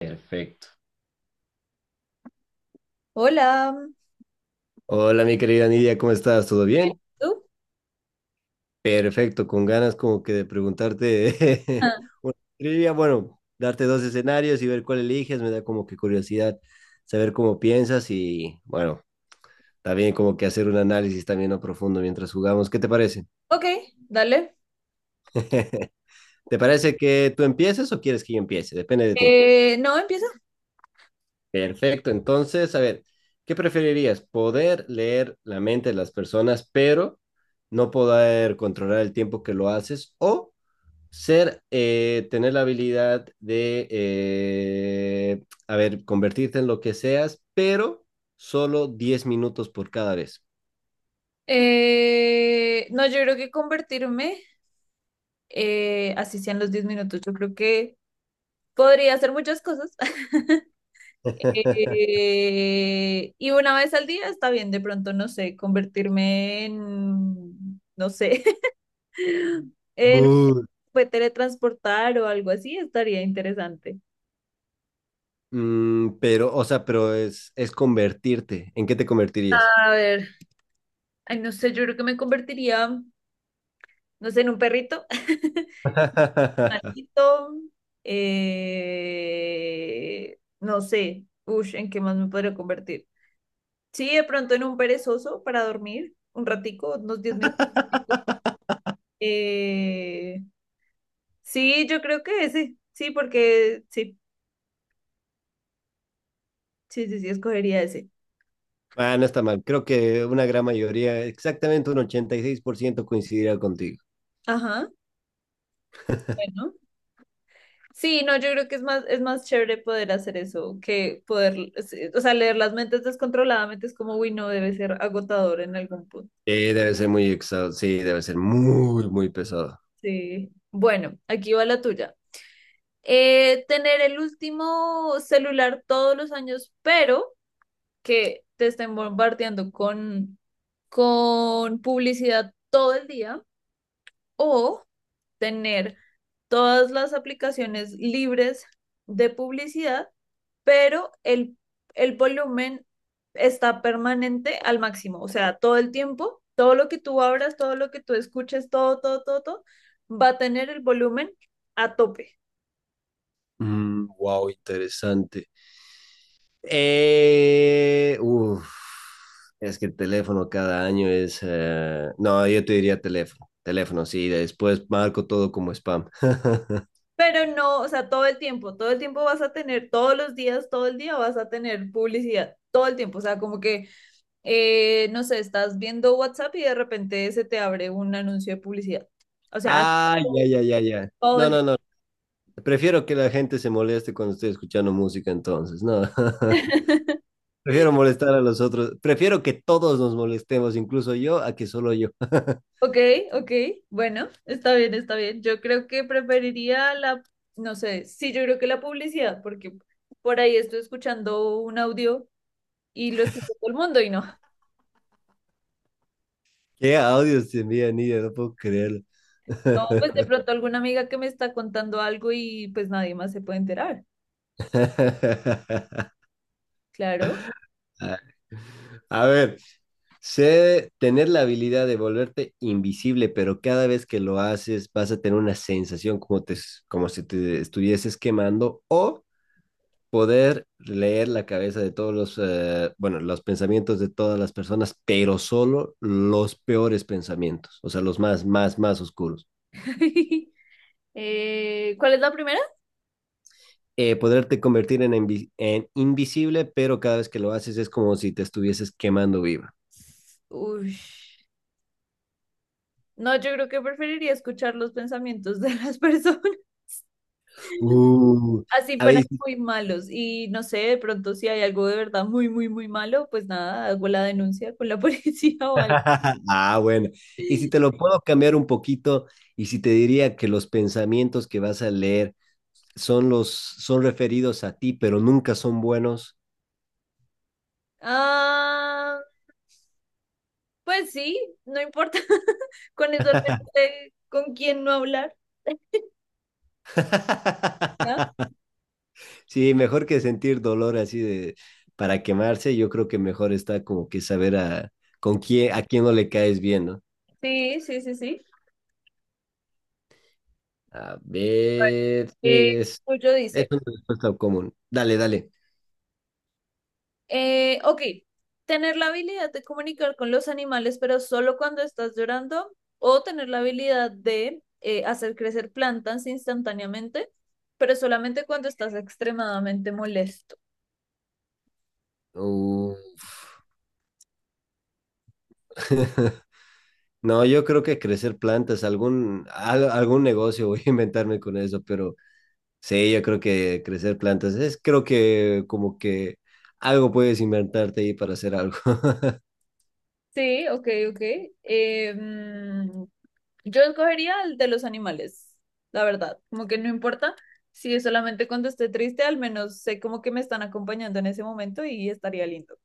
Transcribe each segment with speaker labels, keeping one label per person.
Speaker 1: Perfecto.
Speaker 2: Hola,
Speaker 1: Hola, mi querida Nidia, ¿cómo estás? ¿Todo bien?
Speaker 2: ¿tú?
Speaker 1: Perfecto, con ganas como que de preguntarte
Speaker 2: Ah,
Speaker 1: una trivia, bueno, darte dos escenarios y ver cuál eliges, me da como que curiosidad saber cómo piensas y bueno, también como que hacer un análisis también a profundo mientras jugamos. ¿Qué te parece?
Speaker 2: ok, dale.
Speaker 1: ¿Te parece que tú empieces o quieres que yo empiece? Depende de ti.
Speaker 2: No, empieza.
Speaker 1: Perfecto, entonces, a ver, ¿qué preferirías? ¿Poder leer la mente de las personas, pero no poder controlar el tiempo que lo haces? ¿O ser, tener la habilidad de, a ver, convertirte en lo que seas, pero solo 10 minutos por cada vez?
Speaker 2: No, yo creo que convertirme, así sean los 10 minutos, yo creo que podría hacer muchas cosas. Y una vez al día está bien, de pronto, no sé, convertirme en, no sé, en
Speaker 1: Uh.
Speaker 2: puede teletransportar o algo así, estaría interesante.
Speaker 1: Mm, pero, o sea, pero es convertirte. ¿En qué te convertirías?
Speaker 2: A ver, ay, no sé, yo creo que me convertiría, no sé, en un perrito. Animalito, no sé, ush, ¿en qué más me podría convertir? Sí, de pronto en un perezoso para dormir un ratico, unos 10 minutos. Eh, sí, yo creo que ese, sí, porque sí, sí, sí, sí, escogería ese.
Speaker 1: Ah, no está mal. Creo que una gran mayoría, exactamente un 86% coincidirá contigo.
Speaker 2: Ajá, bueno. Sí, no, yo creo que es más chévere poder hacer eso que poder, sí, o sea, leer las mentes descontroladamente es como, uy, no, debe ser agotador en algún punto.
Speaker 1: Debe ser muy exhausto. Sí, debe ser muy, muy pesado.
Speaker 2: Sí. Bueno, aquí va la tuya. Eh, tener el último celular todos los años, pero que te estén bombardeando con publicidad todo el día, o tener todas las aplicaciones libres de publicidad, pero el volumen está permanente al máximo, o sea, todo el tiempo, todo lo que tú abras, todo lo que tú escuches, todo, todo, todo, todo, va a tener el volumen a tope.
Speaker 1: Mm, wow, interesante. Eh, uf, es que el teléfono cada año es... No, yo te diría teléfono. Teléfono, sí. Después marco todo como spam.
Speaker 2: Pero no, o sea, todo el tiempo vas a tener, todos los días, todo el día vas a tener publicidad, todo el tiempo, o sea, como que, no sé, estás viendo WhatsApp y de repente se te abre un anuncio de publicidad. O sea, así
Speaker 1: Ah, ya,
Speaker 2: todo
Speaker 1: ya, ya, ya.
Speaker 2: todo
Speaker 1: No,
Speaker 2: el día.
Speaker 1: no, no. Prefiero que la gente se moleste cuando estoy escuchando música entonces, ¿no? Prefiero molestar a los otros. Prefiero que todos nos molestemos, incluso yo, a que solo yo.
Speaker 2: Ok, ok, bueno, está bien, está bien. Yo creo que preferiría la, no sé, sí, yo creo que la publicidad, porque por ahí estoy escuchando un audio y lo escucha todo el mundo y no.
Speaker 1: Qué audios te envían, Nidia, no puedo creerlo.
Speaker 2: No, pues de pronto alguna amiga que me está contando algo y pues nadie más se puede enterar. Claro.
Speaker 1: A ver, sé tener la habilidad de volverte invisible, pero cada vez que lo haces vas a tener una sensación como, como si te estuvieses quemando o poder leer la cabeza de todos los, los pensamientos de todas las personas, pero solo los peores pensamientos, o sea, los más, más, más oscuros.
Speaker 2: ¿Cuál es la primera?
Speaker 1: Poderte convertir en, en invisible, pero cada vez que lo haces es como si te estuvieses quemando viva.
Speaker 2: Uy. No, yo creo que preferiría escuchar los pensamientos de las personas,
Speaker 1: Uh,
Speaker 2: así
Speaker 1: a
Speaker 2: fueran
Speaker 1: ver,
Speaker 2: muy malos. Y no sé, de pronto si hay algo de verdad muy, muy, muy malo, pues nada, hago la denuncia con la policía o algo.
Speaker 1: ah, bueno. Y si te lo puedo cambiar un poquito, y si te diría que los pensamientos que vas a leer son referidos a ti, pero nunca son buenos.
Speaker 2: Ah, pues sí, no importa. Con eso al menos sé con quién no hablar. ¿no?
Speaker 1: Sí, mejor que sentir dolor así de para quemarse, yo creo que mejor está como que saber a con quién a quién no le caes bien, ¿no?
Speaker 2: Sí, sí, sí, sí.
Speaker 1: A ver, sí,
Speaker 2: Eh, Julio
Speaker 1: es
Speaker 2: dice,
Speaker 1: una respuesta común. Dale, dale.
Speaker 2: ok, tener la habilidad de comunicar con los animales, pero solo cuando estás llorando, o tener la habilidad de hacer crecer plantas instantáneamente, pero solamente cuando estás extremadamente molesto.
Speaker 1: Uh, No, yo creo que crecer plantas, algún negocio voy a inventarme con eso, pero sí, yo creo que crecer plantas es, creo que como que algo puedes inventarte ahí para hacer algo.
Speaker 2: Sí, ok, ok. Eh, mm, yo escogería el de los animales, la verdad, como que no importa. Si es solamente cuando esté triste, al menos sé como que me están acompañando en ese momento y estaría lindo.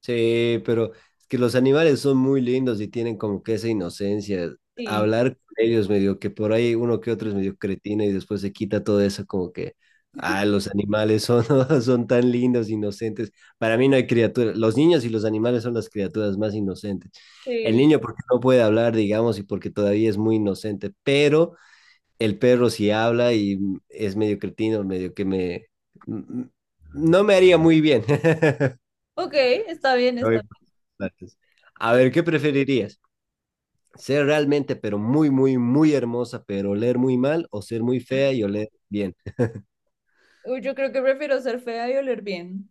Speaker 1: Sí, pero es que los animales son muy lindos y tienen como que esa inocencia.
Speaker 2: Sí.
Speaker 1: Hablar con ellos medio que por ahí uno que otro es medio cretino y después se quita todo eso como que, ah, los animales son, son tan lindos, inocentes. Para mí no hay criatura. Los niños y los animales son las criaturas más inocentes. El
Speaker 2: Sí,
Speaker 1: niño porque no puede hablar, digamos, y porque todavía es muy inocente, pero el perro sí habla y es medio cretino, medio que me... No me haría muy bien.
Speaker 2: ok, está bien,
Speaker 1: Hoy
Speaker 2: está
Speaker 1: por los platos. A
Speaker 2: bien.
Speaker 1: ver, ¿qué preferirías? ¿Ser realmente, pero muy, muy, muy hermosa, pero oler muy mal? ¿O ser muy fea y oler bien?
Speaker 2: Uy, yo creo que prefiero ser fea y oler bien.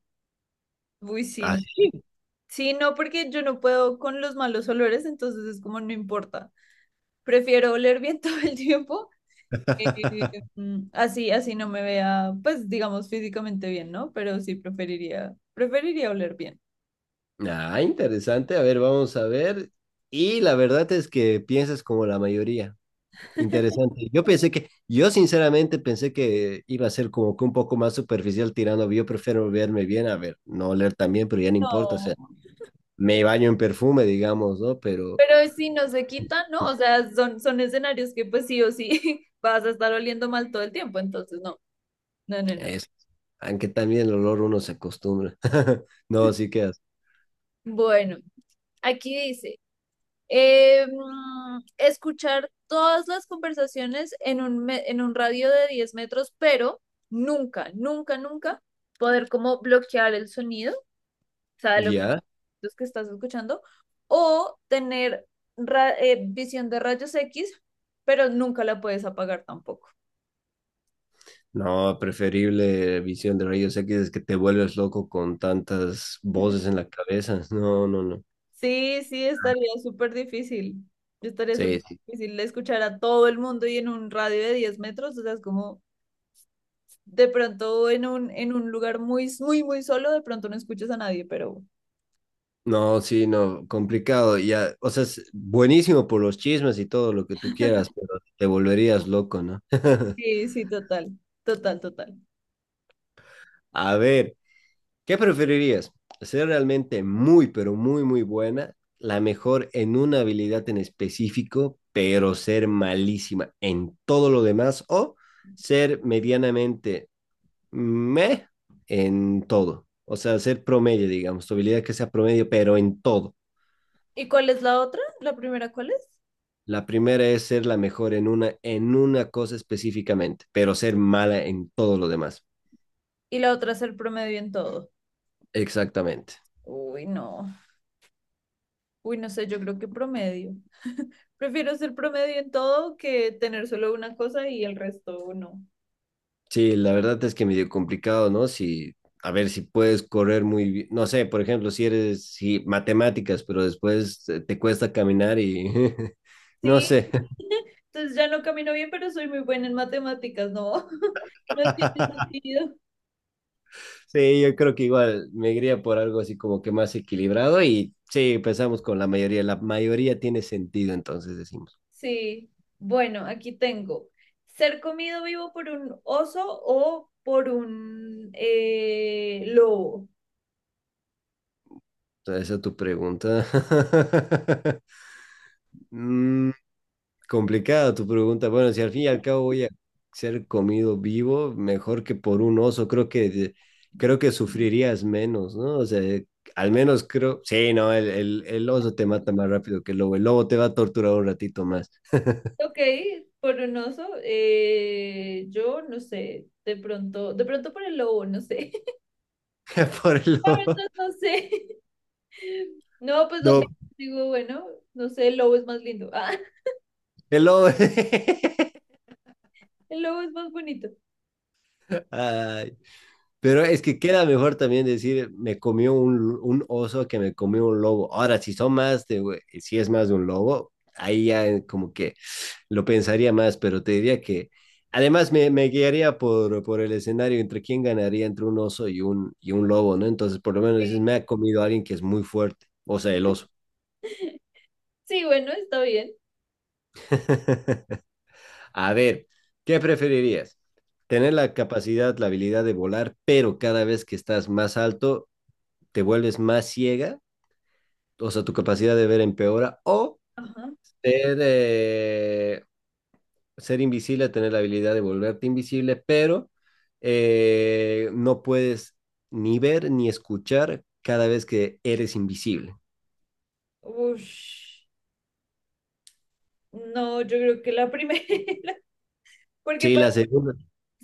Speaker 2: Uy, sí. No.
Speaker 1: Así.
Speaker 2: Sí, no, porque yo no puedo con los malos olores, entonces es como no importa. Prefiero oler bien todo el tiempo. eh, así, así no me vea, pues digamos físicamente bien, ¿no? Pero sí preferiría oler bien.
Speaker 1: Ah, interesante. A ver, vamos a ver. Y la verdad es que piensas como la mayoría. Interesante. Yo sinceramente pensé que iba a ser como que un poco más superficial tirando. Yo prefiero verme bien, a ver, no oler tan bien, pero ya no importa. O
Speaker 2: No,
Speaker 1: sea, me baño en perfume, digamos, ¿no? Pero
Speaker 2: pero si no se quita, ¿no? O sea, son escenarios que pues sí o sí vas a estar oliendo mal todo el tiempo, entonces no, no, no, no.
Speaker 1: es. Aunque también el olor uno se acostumbra. No, sí quedas.
Speaker 2: Bueno, aquí dice. Escuchar todas las conversaciones en un, en un radio de 10 metros, pero nunca, nunca, nunca poder como bloquear el sonido, o sea, de lo que,
Speaker 1: ¿Ya?
Speaker 2: los que estás escuchando, o tener visión de rayos X, pero nunca la puedes apagar tampoco.
Speaker 1: No, preferible visión de rayos X. Es que te vuelves loco con tantas voces en la cabeza. No, no, no.
Speaker 2: Sí, sí, estaría súper difícil. Yo estaría
Speaker 1: Sí,
Speaker 2: súper
Speaker 1: sí.
Speaker 2: difícil escuchar a todo el mundo y en un radio de 10 metros, o sea, es como... de pronto en un lugar muy, muy, muy solo, de pronto no escuchas a nadie, pero
Speaker 1: No, sí, no, complicado. Ya, o sea, es buenísimo por los chismes y todo lo que tú quieras, pero te volverías loco, ¿no?
Speaker 2: sí, sí, total, total, total.
Speaker 1: A ver, ¿qué preferirías? ¿Ser realmente muy, pero muy, muy buena, la mejor en una habilidad en específico, pero ser malísima en todo lo demás? ¿O ser medianamente meh en todo? O sea, ser promedio, digamos, tu habilidad que sea promedio, pero en todo.
Speaker 2: ¿Y cuál es la otra? ¿La primera cuál es?
Speaker 1: La primera es ser la mejor en una cosa específicamente, pero ser mala en todo lo demás.
Speaker 2: Y la otra es el promedio en todo.
Speaker 1: Exactamente.
Speaker 2: Uy, no. Uy, no sé, yo creo que promedio. Prefiero ser promedio en todo que tener solo una cosa y el resto no.
Speaker 1: Sí, la verdad es que medio complicado, ¿no? Si, a ver, si puedes correr muy bien, no sé, por ejemplo, si matemáticas, pero después te cuesta caminar y no
Speaker 2: Sí,
Speaker 1: sé.
Speaker 2: entonces ya no camino bien, pero soy muy buena en matemáticas, no, no tiene sentido.
Speaker 1: Sí, yo creo que igual me iría por algo así como que más equilibrado y sí, empezamos con la mayoría. La mayoría tiene sentido, entonces decimos.
Speaker 2: Sí, bueno, aquí tengo. Ser comido vivo por un oso o por un lobo.
Speaker 1: O sea, esa es tu pregunta. Mm, complicada tu pregunta. Bueno, si al fin y al cabo voy a ser comido vivo, mejor que por un oso, creo que sufrirías menos, ¿no? O sea, al menos creo, sí, no, el oso te mata más rápido que el lobo. El lobo te va a torturar un ratito más.
Speaker 2: Ok, por un oso, yo no sé, de pronto por el lobo, no sé.
Speaker 1: Por el
Speaker 2: La
Speaker 1: lobo.
Speaker 2: verdad no sé. No, pues lo
Speaker 1: No,
Speaker 2: pienso, digo, bueno, no sé, el lobo es más lindo. Ah,
Speaker 1: el lobo.
Speaker 2: el lobo es más bonito.
Speaker 1: Ay, pero es que queda mejor también decir, me comió un oso que me comió un lobo. Ahora, si es más de un lobo, ahí ya como que lo pensaría más, pero te diría que me guiaría por el escenario entre quién ganaría entre un oso y y un lobo, ¿no? Entonces, por lo menos dices, me ha comido alguien que es muy fuerte, o sea, el oso.
Speaker 2: Sí, bueno, está bien.
Speaker 1: A ver, ¿qué preferirías? Tener la capacidad, la habilidad de volar, pero cada vez que estás más alto, te vuelves más ciega, o sea, tu capacidad de ver empeora, o
Speaker 2: Ajá.
Speaker 1: ser ser invisible, tener la habilidad de volverte invisible, pero no puedes ni ver ni escuchar cada vez que eres invisible.
Speaker 2: Ush. No, yo creo que la primera, porque
Speaker 1: Sí, la segunda.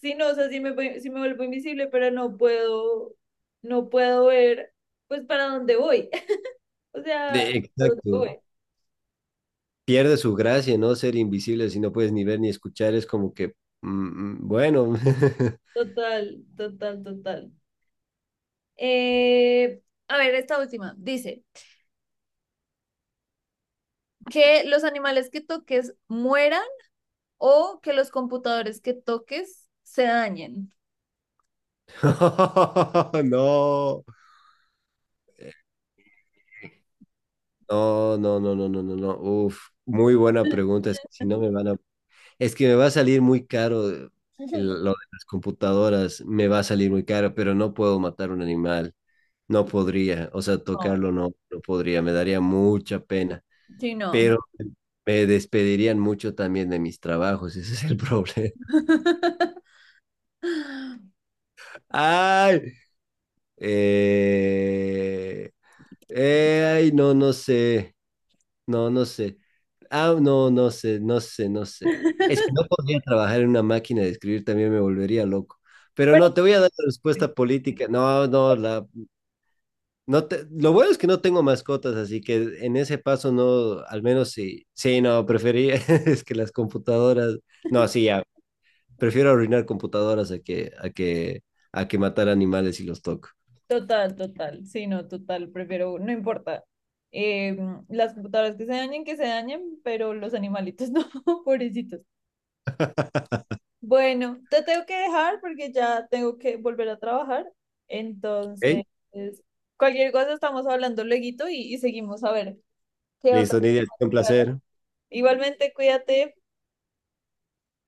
Speaker 2: sí, no, o sea, sí me, sí me vuelvo invisible, pero no puedo, no puedo ver, pues, para dónde voy. O sea, ¿a
Speaker 1: De-
Speaker 2: dónde voy?
Speaker 1: exacto. Pierde su gracia, ¿no? Ser invisible si no puedes ni ver ni escuchar es como que, mm, mm, bueno,
Speaker 2: Total, total, total. Eh, a ver, esta última. Dice, que los animales que toques mueran o que los computadores que toques se dañen.
Speaker 1: no, no, no, no, no, no, no, no. Uf, muy buena pregunta. Es que si no me van a. Es que me va a salir muy caro lo de las computadoras, me va a salir muy caro, pero no puedo matar un animal, no podría, o sea,
Speaker 2: No,
Speaker 1: tocarlo no, no podría, me daría mucha pena,
Speaker 2: sí, no.
Speaker 1: pero me despedirían mucho también de mis trabajos, ese es el problema. ¡Ay! Eh, ay, no, no sé. No, no sé. Ah, no, no sé, no sé, no sé. Es que no podría trabajar en una máquina de escribir, también me volvería loco. Pero
Speaker 2: Pero
Speaker 1: no, te voy a dar la respuesta política. No te, lo bueno es que no tengo mascotas, así que en ese paso no, al menos sí, sí, no, prefería, es que las computadoras, no, sí, ya, prefiero arruinar computadoras a que matar animales si los toco.
Speaker 2: total, total, sí, no, total, prefiero, no importa. Eh, las computadoras que se dañen, pero los animalitos no, pobrecitos. Bueno, te tengo que dejar porque ya tengo que volver a trabajar. Entonces,
Speaker 1: ¿Ok?
Speaker 2: cualquier cosa estamos hablando lueguito y seguimos a ver qué otra.
Speaker 1: Listo, Nidia, un placer.
Speaker 2: Igualmente, cuídate.